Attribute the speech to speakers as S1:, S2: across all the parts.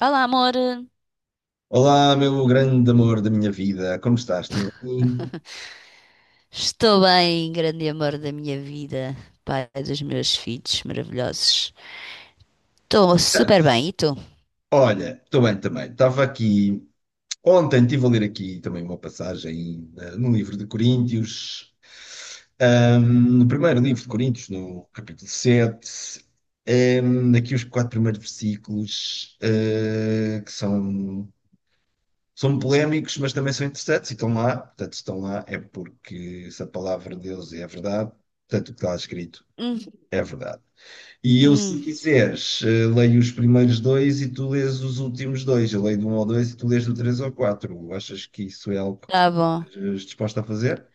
S1: Olá, amor.
S2: Olá, meu grande amor da minha vida, como estás? Tudo bem?
S1: Estou bem, grande amor da minha vida, pai dos meus filhos maravilhosos. Estou super
S2: Certo.
S1: bem, e tu?
S2: Olha, estou bem também. Estava aqui, ontem estive a ler aqui também uma passagem no livro de Coríntios, no primeiro livro de Coríntios, no capítulo 7, aqui os quatro primeiros versículos, que são polémicos, mas também são interessantes e estão lá. Portanto, se estão lá é porque se a palavra de Deus é a verdade, portanto, o que está lá escrito
S1: Hum,
S2: é a verdade. E eu, se
S1: hum,
S2: quiseres, leio os primeiros dois e tu lês os últimos dois. Eu leio do um ao dois e tu lês do três ao quatro. Achas que isso é algo que
S1: tá bom.
S2: estejas disposto a fazer?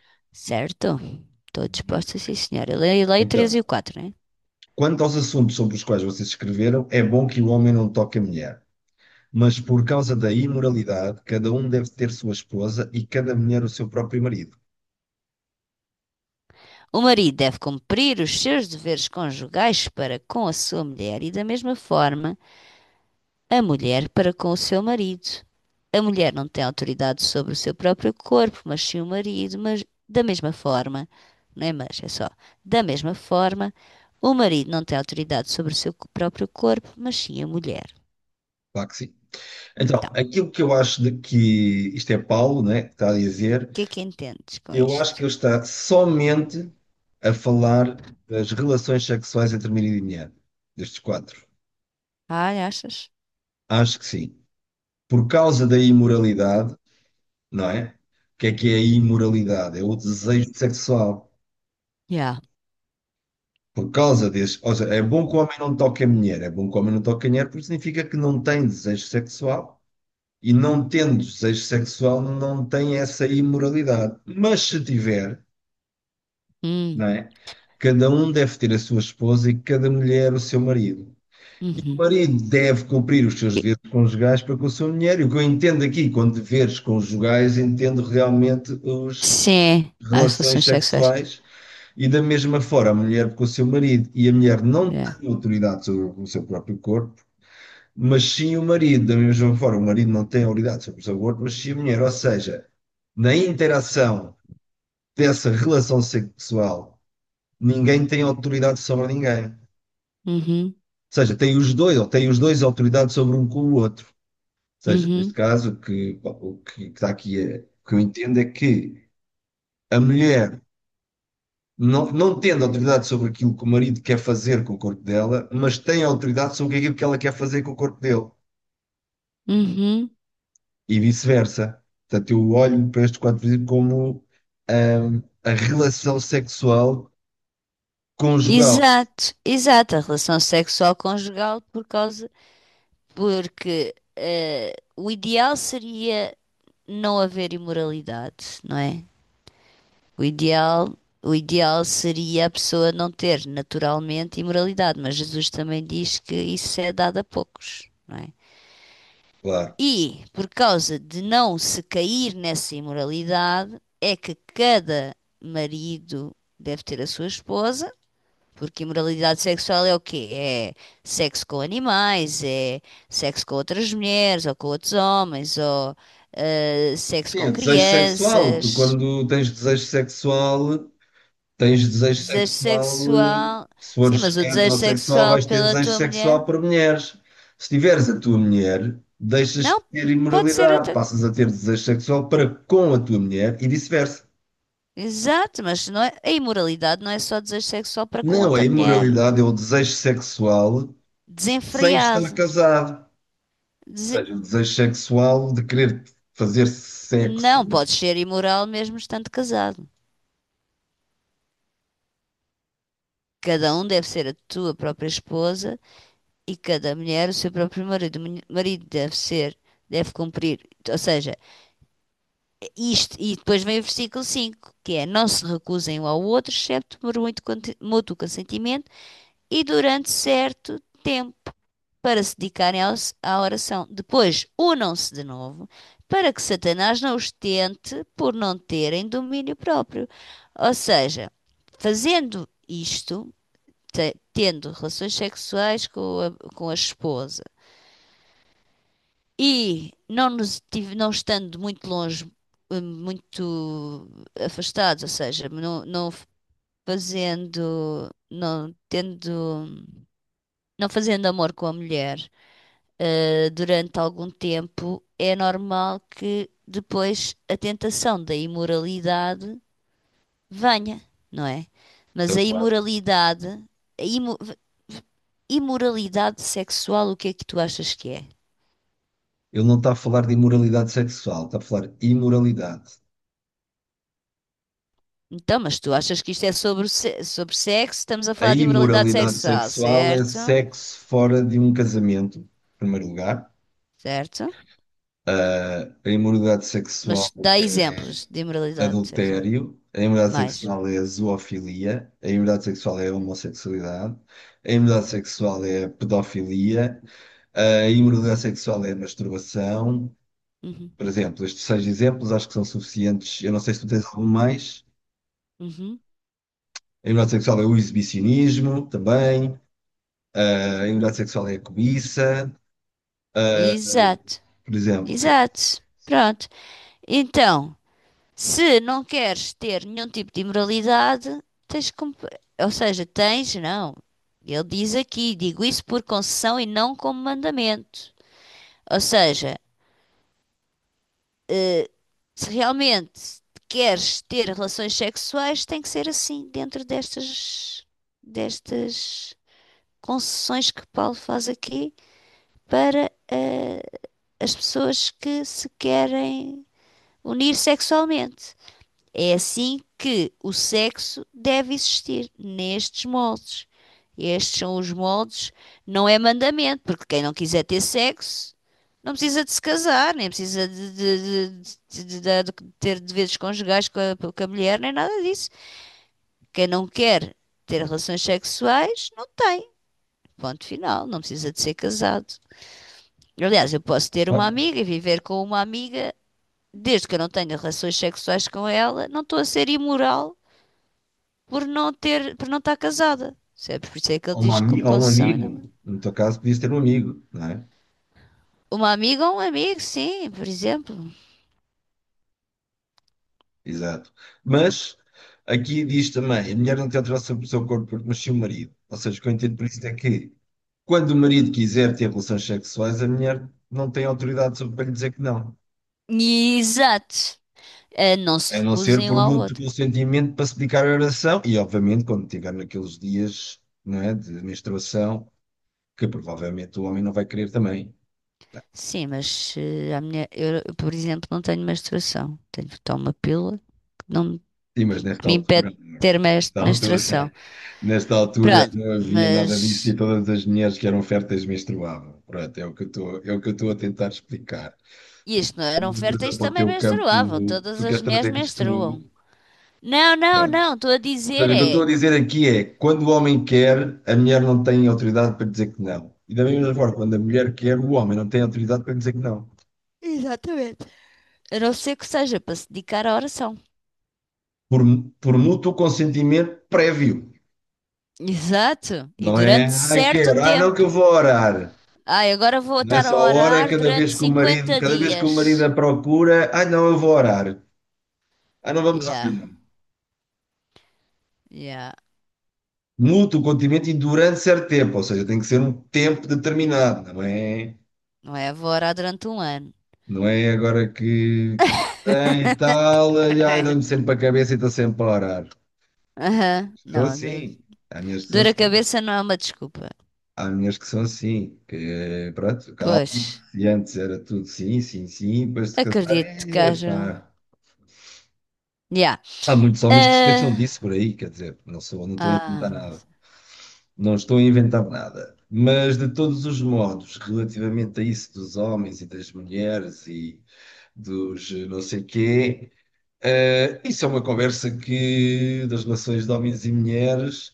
S1: Certo? Estou
S2: Muito.
S1: disposta, sim, senhora. Lei 3
S2: Então,
S1: e o 4, né?
S2: quanto aos assuntos sobre os quais vocês escreveram, é bom que o homem não toque a mulher. Mas por causa da imoralidade, cada um deve ter sua esposa e cada mulher o seu próprio marido.
S1: O marido deve cumprir os seus deveres conjugais para com a sua mulher e, da mesma forma, a mulher para com o seu marido. A mulher não tem autoridade sobre o seu próprio corpo, mas sim o marido, mas da mesma forma, não é mas, é só, da mesma forma, o marido não tem autoridade sobre o seu próprio corpo, mas sim a mulher.
S2: Claro que sim. Então,
S1: Então,
S2: aquilo que eu acho de que isto é Paulo, né, que está a dizer,
S1: o que é que entendes com
S2: eu acho que
S1: isto?
S2: ele está somente a falar das relações sexuais entre marido e mulher, destes quatro.
S1: Ai, achas?
S2: Acho que sim. Por causa da imoralidade, não é? O que é a imoralidade? É o desejo sexual.
S1: Yeah.
S2: Por causa desse. Ou seja, é bom que o homem não toque a mulher. É bom que o homem não toque a mulher porque significa que não tem desejo sexual. E não tendo desejo sexual, não tem essa imoralidade. Mas se tiver, não
S1: Hum,
S2: é? Cada um deve ter a sua esposa e cada mulher o seu marido. O
S1: uhum.
S2: marido deve cumprir os seus deveres conjugais para com a sua mulher. E o que eu entendo aqui com deveres conjugais, entendo realmente as
S1: Sim, as
S2: relações
S1: relações sexuais.
S2: sexuais e da mesma forma a mulher com o seu marido. E a mulher não
S1: Yeah.
S2: tem autoridade sobre o seu próprio corpo, mas sim o marido. Da mesma forma, o marido não tem autoridade sobre o seu corpo, mas sim a mulher. Ou seja, na interação dessa relação sexual, ninguém tem autoridade sobre ninguém. Ou
S1: Uhum,
S2: seja, tem os dois, ou têm os dois autoridade sobre um com o outro. Seja, neste
S1: uhum,
S2: caso, o que está aqui, o que eu entendo é que a mulher, não tendo autoridade sobre aquilo que o marido quer fazer com o corpo dela, mas tem autoridade sobre aquilo que ela quer fazer com o corpo dele,
S1: uhum.
S2: e vice-versa. Portanto, eu olho para estes quatro princípios como a relação sexual conjugal,
S1: Exato, exato, a relação sexual conjugal por causa. Porque o ideal seria não haver imoralidade, não é? O ideal, o ideal seria a pessoa não ter naturalmente imoralidade, mas Jesus também diz que isso é dado a poucos, não é?
S2: claro.
S1: E por causa de não se cair nessa imoralidade, é que cada marido deve ter a sua esposa, porque imoralidade sexual é o quê? É sexo com animais, é sexo com outras mulheres ou com outros homens, ou sexo
S2: Sim,
S1: com
S2: é desejo sexual. Tu,
S1: crianças,
S2: quando tens desejo sexual, tens desejo
S1: desejo
S2: sexual,
S1: sexual.
S2: se
S1: Sim,
S2: fores
S1: mas o desejo
S2: heterossexual,
S1: sexual
S2: vais ter
S1: pela
S2: desejo
S1: tua mulher?
S2: sexual para mulheres. Se tiveres a tua mulher, deixas de
S1: Não,
S2: ter
S1: pode ser
S2: imoralidade,
S1: outra.
S2: passas a ter desejo sexual para com a tua mulher e vice-versa.
S1: Exato, mas não é... a imoralidade não é só desejo sexual para com
S2: Não
S1: outra
S2: é
S1: mulher.
S2: imoralidade, é o desejo sexual sem estar
S1: Desenfreado.
S2: casado. Ou seja,
S1: Dese-
S2: o desejo sexual de querer fazer sexo.
S1: Não podes ser imoral mesmo estando casado. Cada um deve ser a tua própria esposa e cada mulher o seu próprio marido. O marido deve ser, deve cumprir, ou seja, isto, e depois vem o versículo 5 que é: não se recusem um ao outro, excepto por muito mútuo consentimento e durante certo tempo, para se dedicarem à oração. Depois, unam-se de novo, para que Satanás não os tente por não terem domínio próprio. Ou seja, fazendo isto. Tendo relações sexuais com a esposa, e não estando muito longe, muito afastados, ou seja, fazendo, não tendo, não fazendo amor com a mulher, durante algum tempo, é normal que depois a tentação da imoralidade venha, não é? Mas
S2: Então,
S1: a
S2: claro,
S1: imoralidade, a imoralidade sexual, o que é que tu achas que é?
S2: ele não está a falar de imoralidade sexual, está a falar de imoralidade.
S1: Então, mas tu achas que isto é sobre, sobre sexo? Estamos a
S2: A
S1: falar de imoralidade
S2: imoralidade
S1: sexual,
S2: sexual é
S1: certo?
S2: sexo fora de um casamento, em primeiro lugar.
S1: Certo?
S2: Ah, a imoralidade
S1: Mas
S2: sexual,
S1: dá exemplos de imoralidade sexual.
S2: adultério. A imoralidade
S1: Mais.
S2: sexual é a zoofilia. A imoralidade sexual é a homossexualidade. A imoralidade sexual é a pedofilia. A imoralidade sexual é a masturbação.
S1: Uhum.
S2: Por exemplo, estes seis exemplos acho que são suficientes. Eu não sei se tu tens algum mais.
S1: Uhum.
S2: A imoralidade sexual é o exibicionismo também. A imoralidade sexual é a cobiça,
S1: Exato.
S2: por exemplo, sim.
S1: Exato. Pronto. Então, se não queres ter nenhum tipo de imoralidade, tens como. Ou seja, tens, não. Ele diz aqui, digo isso por concessão e não como mandamento. Ou seja, se realmente queres ter relações sexuais, tem que ser assim, dentro destas, destas concessões que Paulo faz aqui para as pessoas que se querem unir sexualmente. É assim que o sexo deve existir, nestes moldes. Estes são os moldes, não é mandamento, porque quem não quiser ter sexo não precisa de se casar, nem precisa de ter deveres conjugais com a mulher, nem nada disso. Quem não quer ter relações sexuais, não tem. Ponto final, não precisa de ser casado. Aliás, eu posso ter uma amiga e viver com uma amiga, desde que eu não tenha relações sexuais com ela, não estou a ser imoral por não ter, por não estar casada. Sempre por isso é que
S2: a
S1: ele
S2: uma,
S1: diz
S2: ami-
S1: como
S2: a um
S1: concessão ainda mais.
S2: amigo, no teu caso, podias ter um amigo, não é?
S1: Uma amiga ou um amigo, sim, por exemplo.
S2: Exato. Mas aqui diz também: a mulher não tem alteração sobre o seu corpo porque nasceu o marido. Ou seja, o que eu entendo por isso é que quando o marido quiser ter relações sexuais, a mulher não tem autoridade sobre para lhe dizer que não.
S1: E exato. Não se
S2: A não ser
S1: recusem um
S2: por
S1: ao
S2: mútuo
S1: outro.
S2: consentimento para se dedicar à oração e, obviamente, quando estiver naqueles dias, não é, de menstruação, que provavelmente o homem não vai querer também.
S1: Sim, mas eh, a minha, eu, por exemplo, não tenho menstruação. Tenho que tomar uma pílula que, não, me-
S2: Sim, mas
S1: que
S2: nesta
S1: me impede
S2: altura,
S1: de ter
S2: nesta
S1: menstruação.
S2: altura, nesta altura
S1: Pronto,
S2: não havia nada disso e
S1: mas
S2: todas as mulheres que eram férteis menstruavam. Pronto, é o que eu estou, é o que eu estou a tentar explicar. Tu-
S1: isto não eram
S2: Uma coisa
S1: férteis,
S2: para o
S1: também
S2: teu campo,
S1: menstruavam. Todas
S2: tu
S1: as
S2: queres
S1: mulheres
S2: trazer isto,
S1: menstruam. Não, não,
S2: pronto.
S1: não, estou a
S2: Ou
S1: dizer
S2: seja, o que eu estou
S1: é.
S2: a dizer aqui é, quando o homem quer, a mulher não tem autoridade para dizer que não. E da mesma forma, quando a mulher quer, o homem não tem autoridade para dizer que não.
S1: Exatamente, a não ser que seja para se dedicar à oração.
S2: Por, por mútuo consentimento prévio.
S1: Exato, e
S2: Não é,
S1: durante
S2: ah,
S1: certo
S2: quero, ah, não que eu
S1: tempo.
S2: vou orar.
S1: Ai, agora vou estar a
S2: Nessa hora,
S1: orar durante 50
S2: cada vez que o marido
S1: dias.
S2: a procura, ah não, eu vou orar, ah não vamos
S1: Yeah,
S2: orar.
S1: yeah.
S2: Muda o continente e durante certo tempo, ou seja, tem que ser um tempo determinado, não é?
S1: Não é? Vou orar durante um ano.
S2: Não é agora que tem e tal, e ai dá-me sempre a cabeça e estou sempre a orar.
S1: Aham.
S2: São
S1: Não, do-
S2: assim, há minhas que são
S1: dor a
S2: assim,
S1: cabeça não é uma desculpa.
S2: há minhas que são assim, que pronto, calma,
S1: Pois,
S2: e antes era tudo sim, sim, sim, depois de casar,
S1: acredito que haja. Um.
S2: epá.
S1: Yeah.
S2: Há muitos homens que se queixam
S1: Ah,
S2: disso por aí, quer dizer, não estou a inventar
S1: não
S2: nada.
S1: sei.
S2: Não estou a inventar nada. Mas, de todos os modos, relativamente a isso dos homens e das mulheres e dos não sei quê, isso é uma conversa que, das relações de homens e mulheres,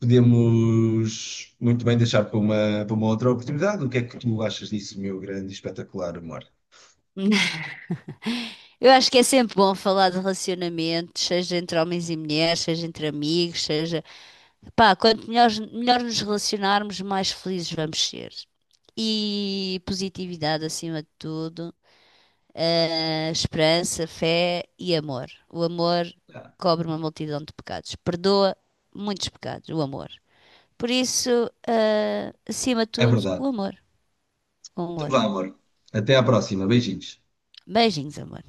S2: podemos muito bem deixar para para uma outra oportunidade. O que é que tu achas disso, meu grande e espetacular amor?
S1: Eu acho que é sempre bom falar de relacionamentos, seja entre homens e mulheres, seja entre amigos, seja... Pá, quanto melhor, melhor nos relacionarmos, mais felizes vamos ser. E positividade acima de tudo, esperança, fé e amor. O amor
S2: Ah,
S1: cobre uma multidão de pecados, perdoa muitos pecados, o amor. Por isso, acima de
S2: é
S1: tudo, o
S2: verdade.
S1: amor. O
S2: Então
S1: amor.
S2: vá, amor. Até à próxima. Beijinhos.
S1: Beijinhos, amor.